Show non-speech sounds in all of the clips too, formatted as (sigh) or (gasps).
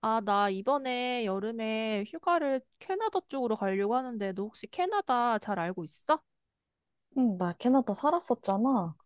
아, 나 이번에 여름에 휴가를 캐나다 쪽으로 가려고 하는데, 너 혹시 캐나다 잘 알고 있어? 응, 나 캐나다 살았었잖아.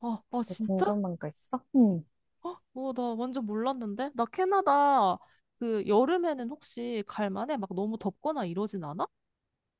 아, 뭐 진짜? 궁금한 거 있어? 응. 어, 어, 나 완전 몰랐는데? 나 캐나다 그 여름에는 혹시 갈 만해? 막 너무 덥거나 이러진 않아?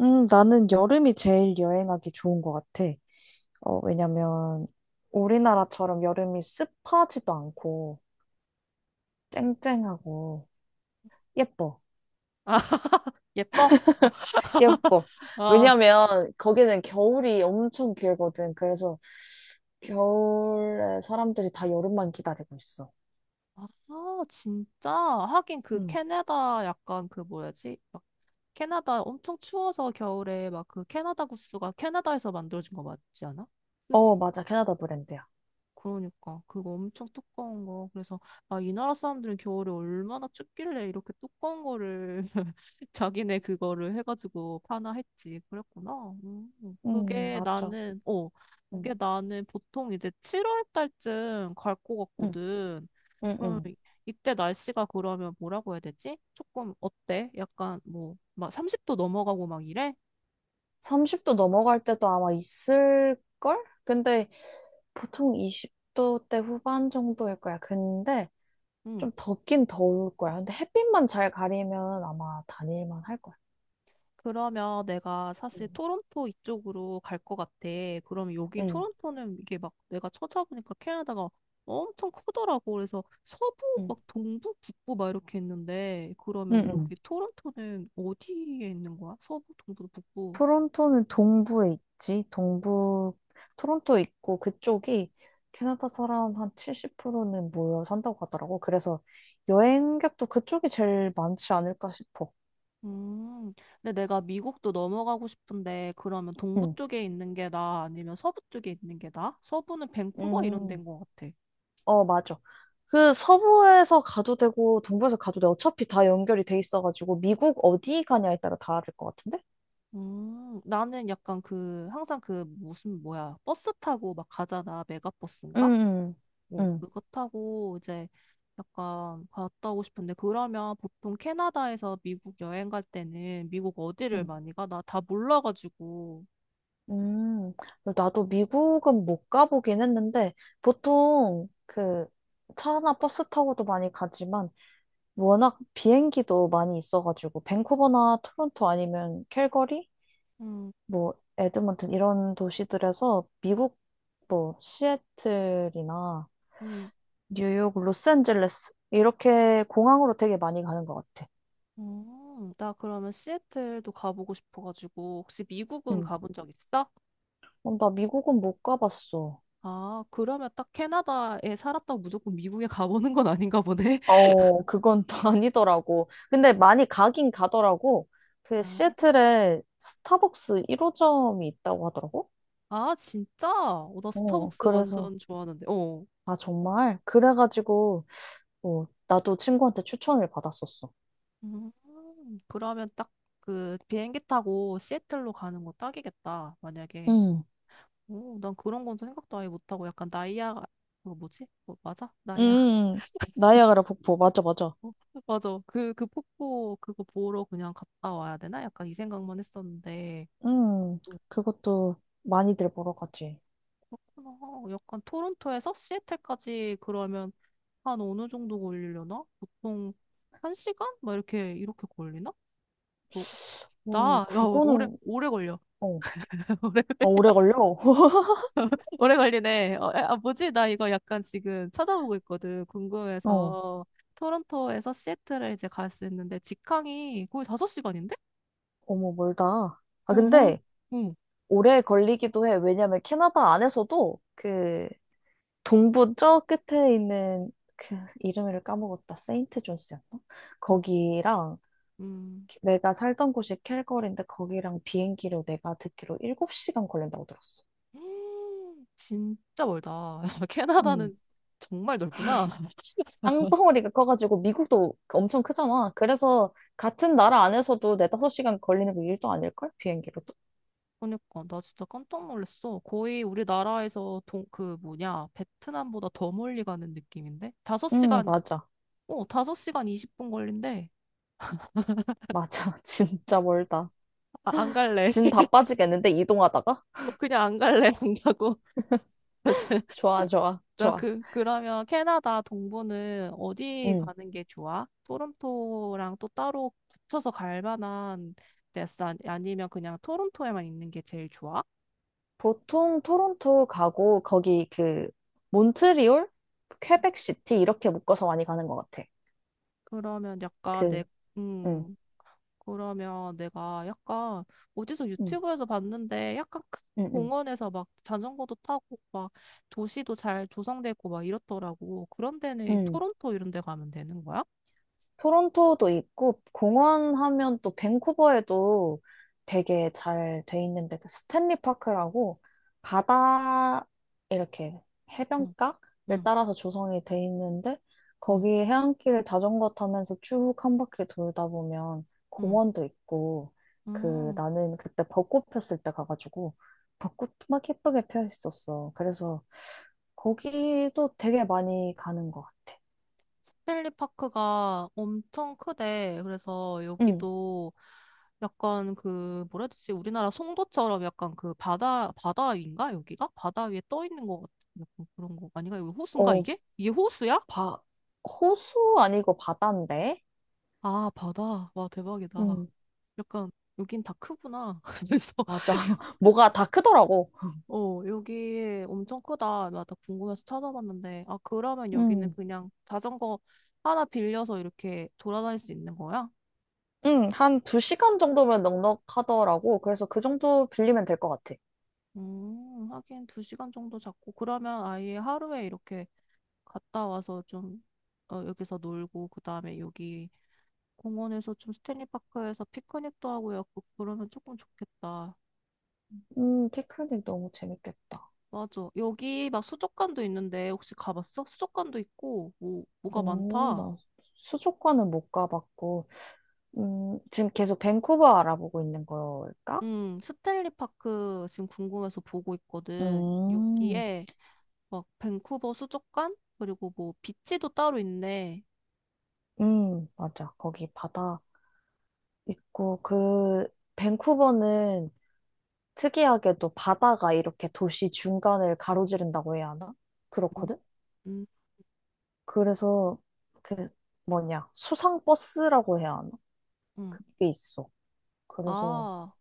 나는 여름이 제일 여행하기 좋은 것 같아. 왜냐면 우리나라처럼 여름이 습하지도 않고 쨍쨍하고 예뻐. (laughs) 예뻐? 예뻐. 아, 왜냐면 거기는 겨울이 엄청 길거든. 그래서 겨울에 사람들이 다 여름만 기다리고 있어. 아, 진짜? 하긴 그 응. 캐나다 약간 그 뭐야지? 막 캐나다 엄청 추워서 겨울에 막 그 캐나다 구스가 캐나다에서 만들어진 거 맞지 않아? 그지? 맞아. 캐나다 브랜드야. 그러니까 그거 엄청 두꺼운 거. 그래서 아, 이 나라 사람들은 겨울에 얼마나 춥길래 이렇게 두꺼운 거를 (laughs) 자기네 그거를 해가지고 파나 했지. 그랬구나. 음. 응, 그게 맞아. 나는 어, 그게 응, 나는 보통 이제 7월 달쯤 갈 것 응. 같거든. 응, 그럼 응. 이때 날씨가 그러면 뭐라고 해야 되지? 조금 어때? 약간 뭐 막 30도 넘어가고 막 이래? 30도 넘어갈 때도 아마 있을걸? 근데 보통 20도 대 후반 정도일 거야. 근데 응. 좀 덥긴 더울 거야. 근데 햇빛만 잘 가리면 아마 다닐만 할 거야. 그러면 내가 응, 사실 토론토 이쪽으로 갈 것 같아. 그럼 여기 응, 토론토는 이게 막 내가 찾아보니까 캐나다가 엄청 크더라고. 그래서 서부, 응, 막 동부, 북부 막 이렇게 있는데 응. 그러면 응. 여기 토론토는 어디에 있는 거야? 서부, 동부, 북부. 토론토는 동부에 있지. 동부, 토론토 있고 그쪽이 캐나다 사람 한 70%는 모여 산다고 하더라고. 그래서 여행객도 그쪽이 제일 많지 않을까 싶어. 음, 근데 내가 미국도 넘어가고 싶은데 그러면 동부 응. 쪽에 있는 게 나아? 아니면 서부 쪽에 있는 게 나아? 서부는 밴쿠버 이런 데인 음. 것 같아. 맞아. 서부에서 가도 되고 동부에서 가도 돼. 어차피 다 연결이 돼 있어가지고 미국 어디 가냐에 따라 다를 것 같은데? 나는 약간 그, 항상 그, 무슨, 뭐야, 버스 타고 막 가잖아. 메가버스인가? 응, 어, 응, 그거 타고 이제 약간 갔다 오고 싶은데, 그러면 보통 캐나다에서 미국 여행 갈 때는 미국 어디를 음. 많이 가? 나 다 몰라가지고. 음, 나도 미국은 못 가보긴 했는데, 보통 차나 버스 타고도 많이 가지만, 워낙 비행기도 많이 있어가지고, 밴쿠버나 토론토 아니면 캘거리? 음, 뭐, 에드먼튼 이런 도시들에서 미국 뭐, 시애틀이나 음, 뉴욕, 로스앤젤레스. 이렇게 공항으로 되게 많이 가는 것 같아. 나 그러면 시애틀도 가보고 싶어가지고, 혹시 미국은 응. 가본 적 있어? 나 미국은 못 가봤어. 아, 그러면 딱 캐나다에 살았다고 무조건 미국에 (laughs) 가보는 건 아닌가 보네. (laughs) 그건 또 (laughs) 아니더라고. 근데 많이 가긴 가더라고. 아. 시애틀에 스타벅스 1호점이 있다고 하더라고. 아, 진짜? 어, 나 스타벅스 그래서, 완전 좋아하는데. 어. 아, 정말? 그래가지고, 나도 친구한테 추천을 받았었어. 음, 그러면 딱 그 비행기 타고 시애틀로 가는 거 딱이겠다, 만약에. 응, 오, 난 그런 건 생각도 아예 못하고 약간 나이아가, 그거 뭐지? 뭐, 맞아? 나이아가. 응, 나이아가라 폭포. 맞아, 맞아. (laughs) 어, 맞아. 그 폭포 그거 보러 그냥 갔다 와야 되나? 약간 이 생각만 했었는데. 응, 오, 그것도 많이들 보러 가지. 그렇구나. 약간 토론토에서 시애틀까지 그러면 한 어느 정도 걸리려나? 보통 한 시간? 막 이렇게 걸리나? 뭐, 나? 야, 오래, 그거는, 오래 걸려. 어, (laughs) 오래, 오래 걸려? (laughs) (laughs) 오래 걸리네. 어, 아, 뭐지? 나 이거 약간 지금 찾아보고 있거든. 어, 궁금해서. 토론토에서 시애틀에 이제 갈 수 있는데, 직항이 거의 5시간인데? 어머, 멀다. 아, 어, 뭘? 근데 응. 오래 걸리기도 해. 왜냐면 캐나다 안에서도 그 동부 저 끝에 있는 그 이름을 까먹었다. 세인트 존스였나? 음, 거기랑 내가 살던 곳이 캘거리인데 거기랑 비행기로 내가 듣기로 7시간 걸린다고 들었어. 음, (gasps) 진짜 멀다. (laughs) 음 캐나다는 정말 넓구나. (laughs) 땅덩어리가 커가지고 미국도 엄청 크잖아. 그래서 같은 나라 안에서도 네다섯 시간 걸리는 게 일도 아닐걸? 비행기로도. 그러니까 나 진짜 깜짝 놀랐어. 거의 우리나라에서 그 뭐냐 베트남보다 더 멀리 가는 느낌인데 다섯 응, 시간 맞아. 어, 5시간 20분 걸린대. 맞아. (laughs) 진짜 멀다. 아, 안 갈래. 진 다 (laughs) 빠지겠는데 이동하다가? 어, 그냥 안 갈래. 안 가고. (laughs) 맞아. 좋아, 좋아, 나 좋아. 그, 그러면 캐나다 동부는 어디 음, 가는 게 좋아? 토론토랑 또 따로 붙여서 갈 만한 데스 아니면 그냥 토론토에만 있는 게 제일 좋아? 보통 토론토 가고 거기 몬트리올, 퀘벡시티 이렇게 묶어서 많이 가는 것 같아. 그러면 약간 그, 내, 음, 음, 그러면 내가 약간 어디서 음, 유튜브에서 봤는데 약간 큰 음, 음, 공원에서 막 자전거도 타고 막 도시도 잘 조성되고 막 이렇더라고. 그런 데는 이 음. 토론토 이런 데 가면 되는 거야? 토론토도 있고 공원 하면 또 밴쿠버에도 되게 잘 돼 있는데 스탠리 파크라고 바다 이렇게 응, 해변가를 응, 따라서 조성이 돼 있는데 응, 거기 해안길을 자전거 타면서 쭉 한 바퀴 돌다 보면 응. 공원도 있고 음, 나는 그때 벚꽃 폈을 때 가가지고 벚꽃 막 예쁘게 펴 있었어. 그래서 거기도 되게 많이 가는 것 같아. 헨리파크가 엄청 크대. 그래서 응. 여기도 약간 그 뭐라 해야 되지? 우리나라 송도처럼 약간 그 바다 위인가 여기가? 바다 위에 떠 있는 것 같은 약간 그런 거 아닌가? 여기 호수인가 어, 이게? 이게 호수야? 바, 호수 아니고 바다인데? 아, 바다. 와, 대박이다. 음, 약간, 여긴 다 크구나. (laughs) 그래서, 맞아. (laughs) 뭐가 다 크더라고. 어, 여기 엄청 크다. 나 다 궁금해서 찾아봤는데, 아, 그러면 여기는 음, 그냥 자전거 하나 빌려서 이렇게 돌아다닐 수 있는 거야? 한 2시간 정도면 넉넉하더라고. 그래서 그 정도 빌리면 될 것 같아. 하긴 두 시간 정도 잡고, 그러면 아예 하루에 이렇게 갔다 와서 좀, 어, 여기서 놀고, 그 다음에 여기 공원에서 좀 스탠리파크에서 피크닉도 하고, 요 그러면 조금 좋겠다. 피크닉 너무 재밌겠다. 맞아. 여기 막 수족관도 있는데 혹시 가봤어? 수족관도 있고 뭐 뭐가 오, 많다. 나 수족관은 못 가봤고, 지금 계속 밴쿠버 알아보고 있는 걸까? 스탠리 파크 지금 궁금해서 보고 있거든. 음, 여기에 막 밴쿠버 수족관 그리고 뭐 비치도 따로 있네. 맞아. 거기 바다 있고, 밴쿠버는 특이하게도 바다가 이렇게 도시 중간을 가로지른다고 해야 하나? 음, 그렇거든? 음. 그래서 그 뭐냐, 수상버스라고 해야 하나? 음. 그게 있어. 그래서 아,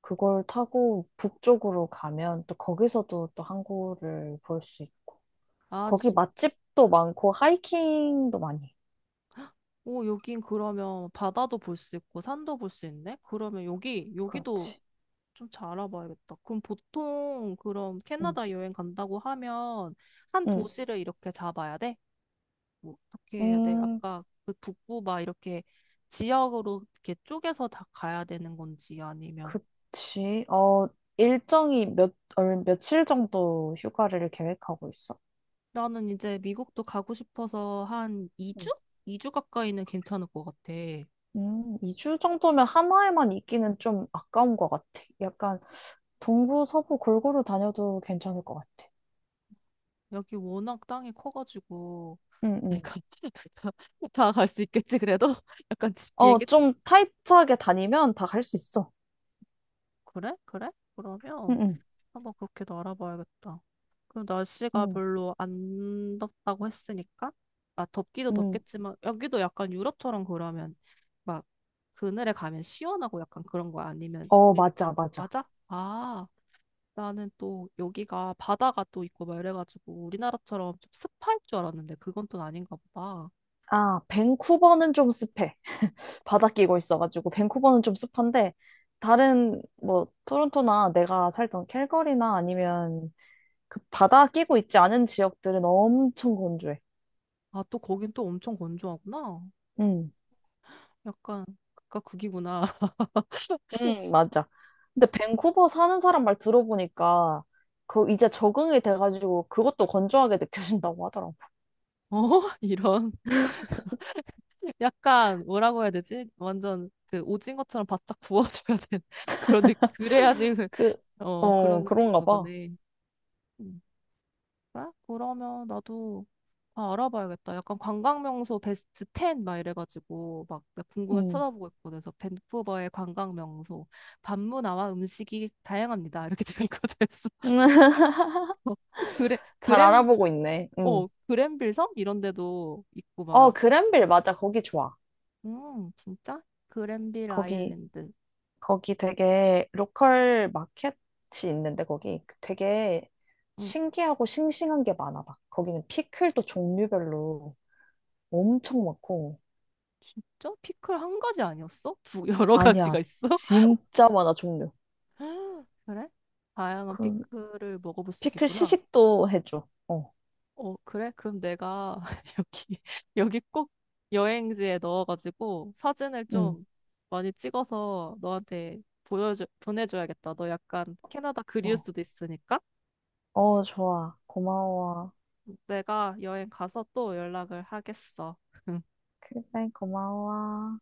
그걸 타고 북쪽으로 가면 또 거기서도 또 항구를 볼 수 있고. 아, 거기 진. 맛집도 많고 하이킹도 많이 해. 오, 여긴 그러면 바다도 볼 수 있고 산도 볼 수 있네. 그러면 여기 여기도 그렇지. 좀 잘 알아봐야겠다. 그럼 보통 그럼 응. 캐나다 여행 간다고 하면 한 응. 도시를 이렇게 잡아야 돼? 뭐 어떻게 해야 돼? 음, 아까 그 북부 막 이렇게 지역으로 이렇게 쪼개서 다 가야 되는 건지 아니면 그치. 일정이 며칠 정도 휴가를 계획하고 있어? 나는 이제 미국도 가고 싶어서 한 2주? 응. 2주 가까이는 괜찮을 것 같아. 2주 정도면 하나에만 있기는 좀 아까운 것 같아. 약간 동부, 서부 골고루 다녀도 괜찮을 것 같아. 여기 워낙 땅이 커가지고 응, 응. 내가 (laughs) 다 갈 수 있겠지 그래도 (laughs) 약간 지- 비행기 좀 타이트하게 다니면 다 갈 수 있어. 그래? 그래? 응, 그러면 응, 한번 그렇게도 알아봐야겠다. 그럼 날씨가 응, 별로 안 덥다고 했으니까, 아, 덥기도 응. 덥겠지만, 여기도 약간 유럽처럼 그러면, 막, 그늘에 가면 시원하고 약간 그런 거야? 아니면, 우리, 맞아, 맞아. 맞아? 아, 나는 또 여기가 바다가 또 있고 막 이래가지고, 우리나라처럼 좀 습할 줄 알았는데, 그건 또 아닌가 보다. 아, 밴쿠버는 좀 습해. 바다 끼고 있어가지고, 밴쿠버는 좀 습한데, 다른, 뭐, 토론토나 내가 살던 캘거리나 아니면 그 바다 끼고 있지 않은 지역들은 엄청 건조해. 아, 또 거긴 또 엄청 건조하구나. 응. 약간, 그니까 극이구나. 응, (laughs) 맞아. 근데 밴쿠버 사는 사람 말 들어보니까 이제 적응이 돼가지고 그것도 건조하게 느껴진다고 하더라고. 어? (laughs) 이런. 약간 뭐라고 해야 되지? 완전 그 오징어처럼 바짝 구워줘야 되는 (laughs) 그런 느 그래야지 그- 그, 어 그런 그런가 느낌인가 봐. 보네. 음. 그래? 그러면 나도 다 알아봐야겠다. 약간 관광 명소 베스트 10 막 이래가지고 막 나 궁금해서 찾 응. 아보고 있거든. 그래서 밴쿠버의 관광 명소 밤문화와 음식이 다양합니다. 이렇게 들어있거든. 그래서 (laughs) (laughs) 그래 잘 그램 알아보고 있네. 응. 어 그랜빌 섬 이런 데도 있고 막 그랜빌 맞아. 거기 좋아. 진짜 그랜빌 거기 아일랜드 거기 되게 로컬 마켓이 있는데 거기 되게 음. 신기하고 싱싱한 게 많아 막. 거기는 피클도 종류별로 엄청 많고. 진짜? 피클 한 가지 아니었어? 두 (laughs) 여러 가지가 아니야. 있어? (gasps) 진짜 많아 종류. (laughs) 그래? 다양한 그 피클을 먹어볼 수 피클 있겠구나. 시식도 해줘. 어, 그래? 그럼 내가 (laughs) 여기 여기 꼭 여행지에 넣어가지고 사진을 응. 좀 많이 찍어서 너한테 보여줘 보내줘야겠다. 너 약간 캐나다 그리울 어, 수도 있으니까 좋아. 고마워. 내가 여행 가서 또 연락을 하겠어. 그래, 고마워.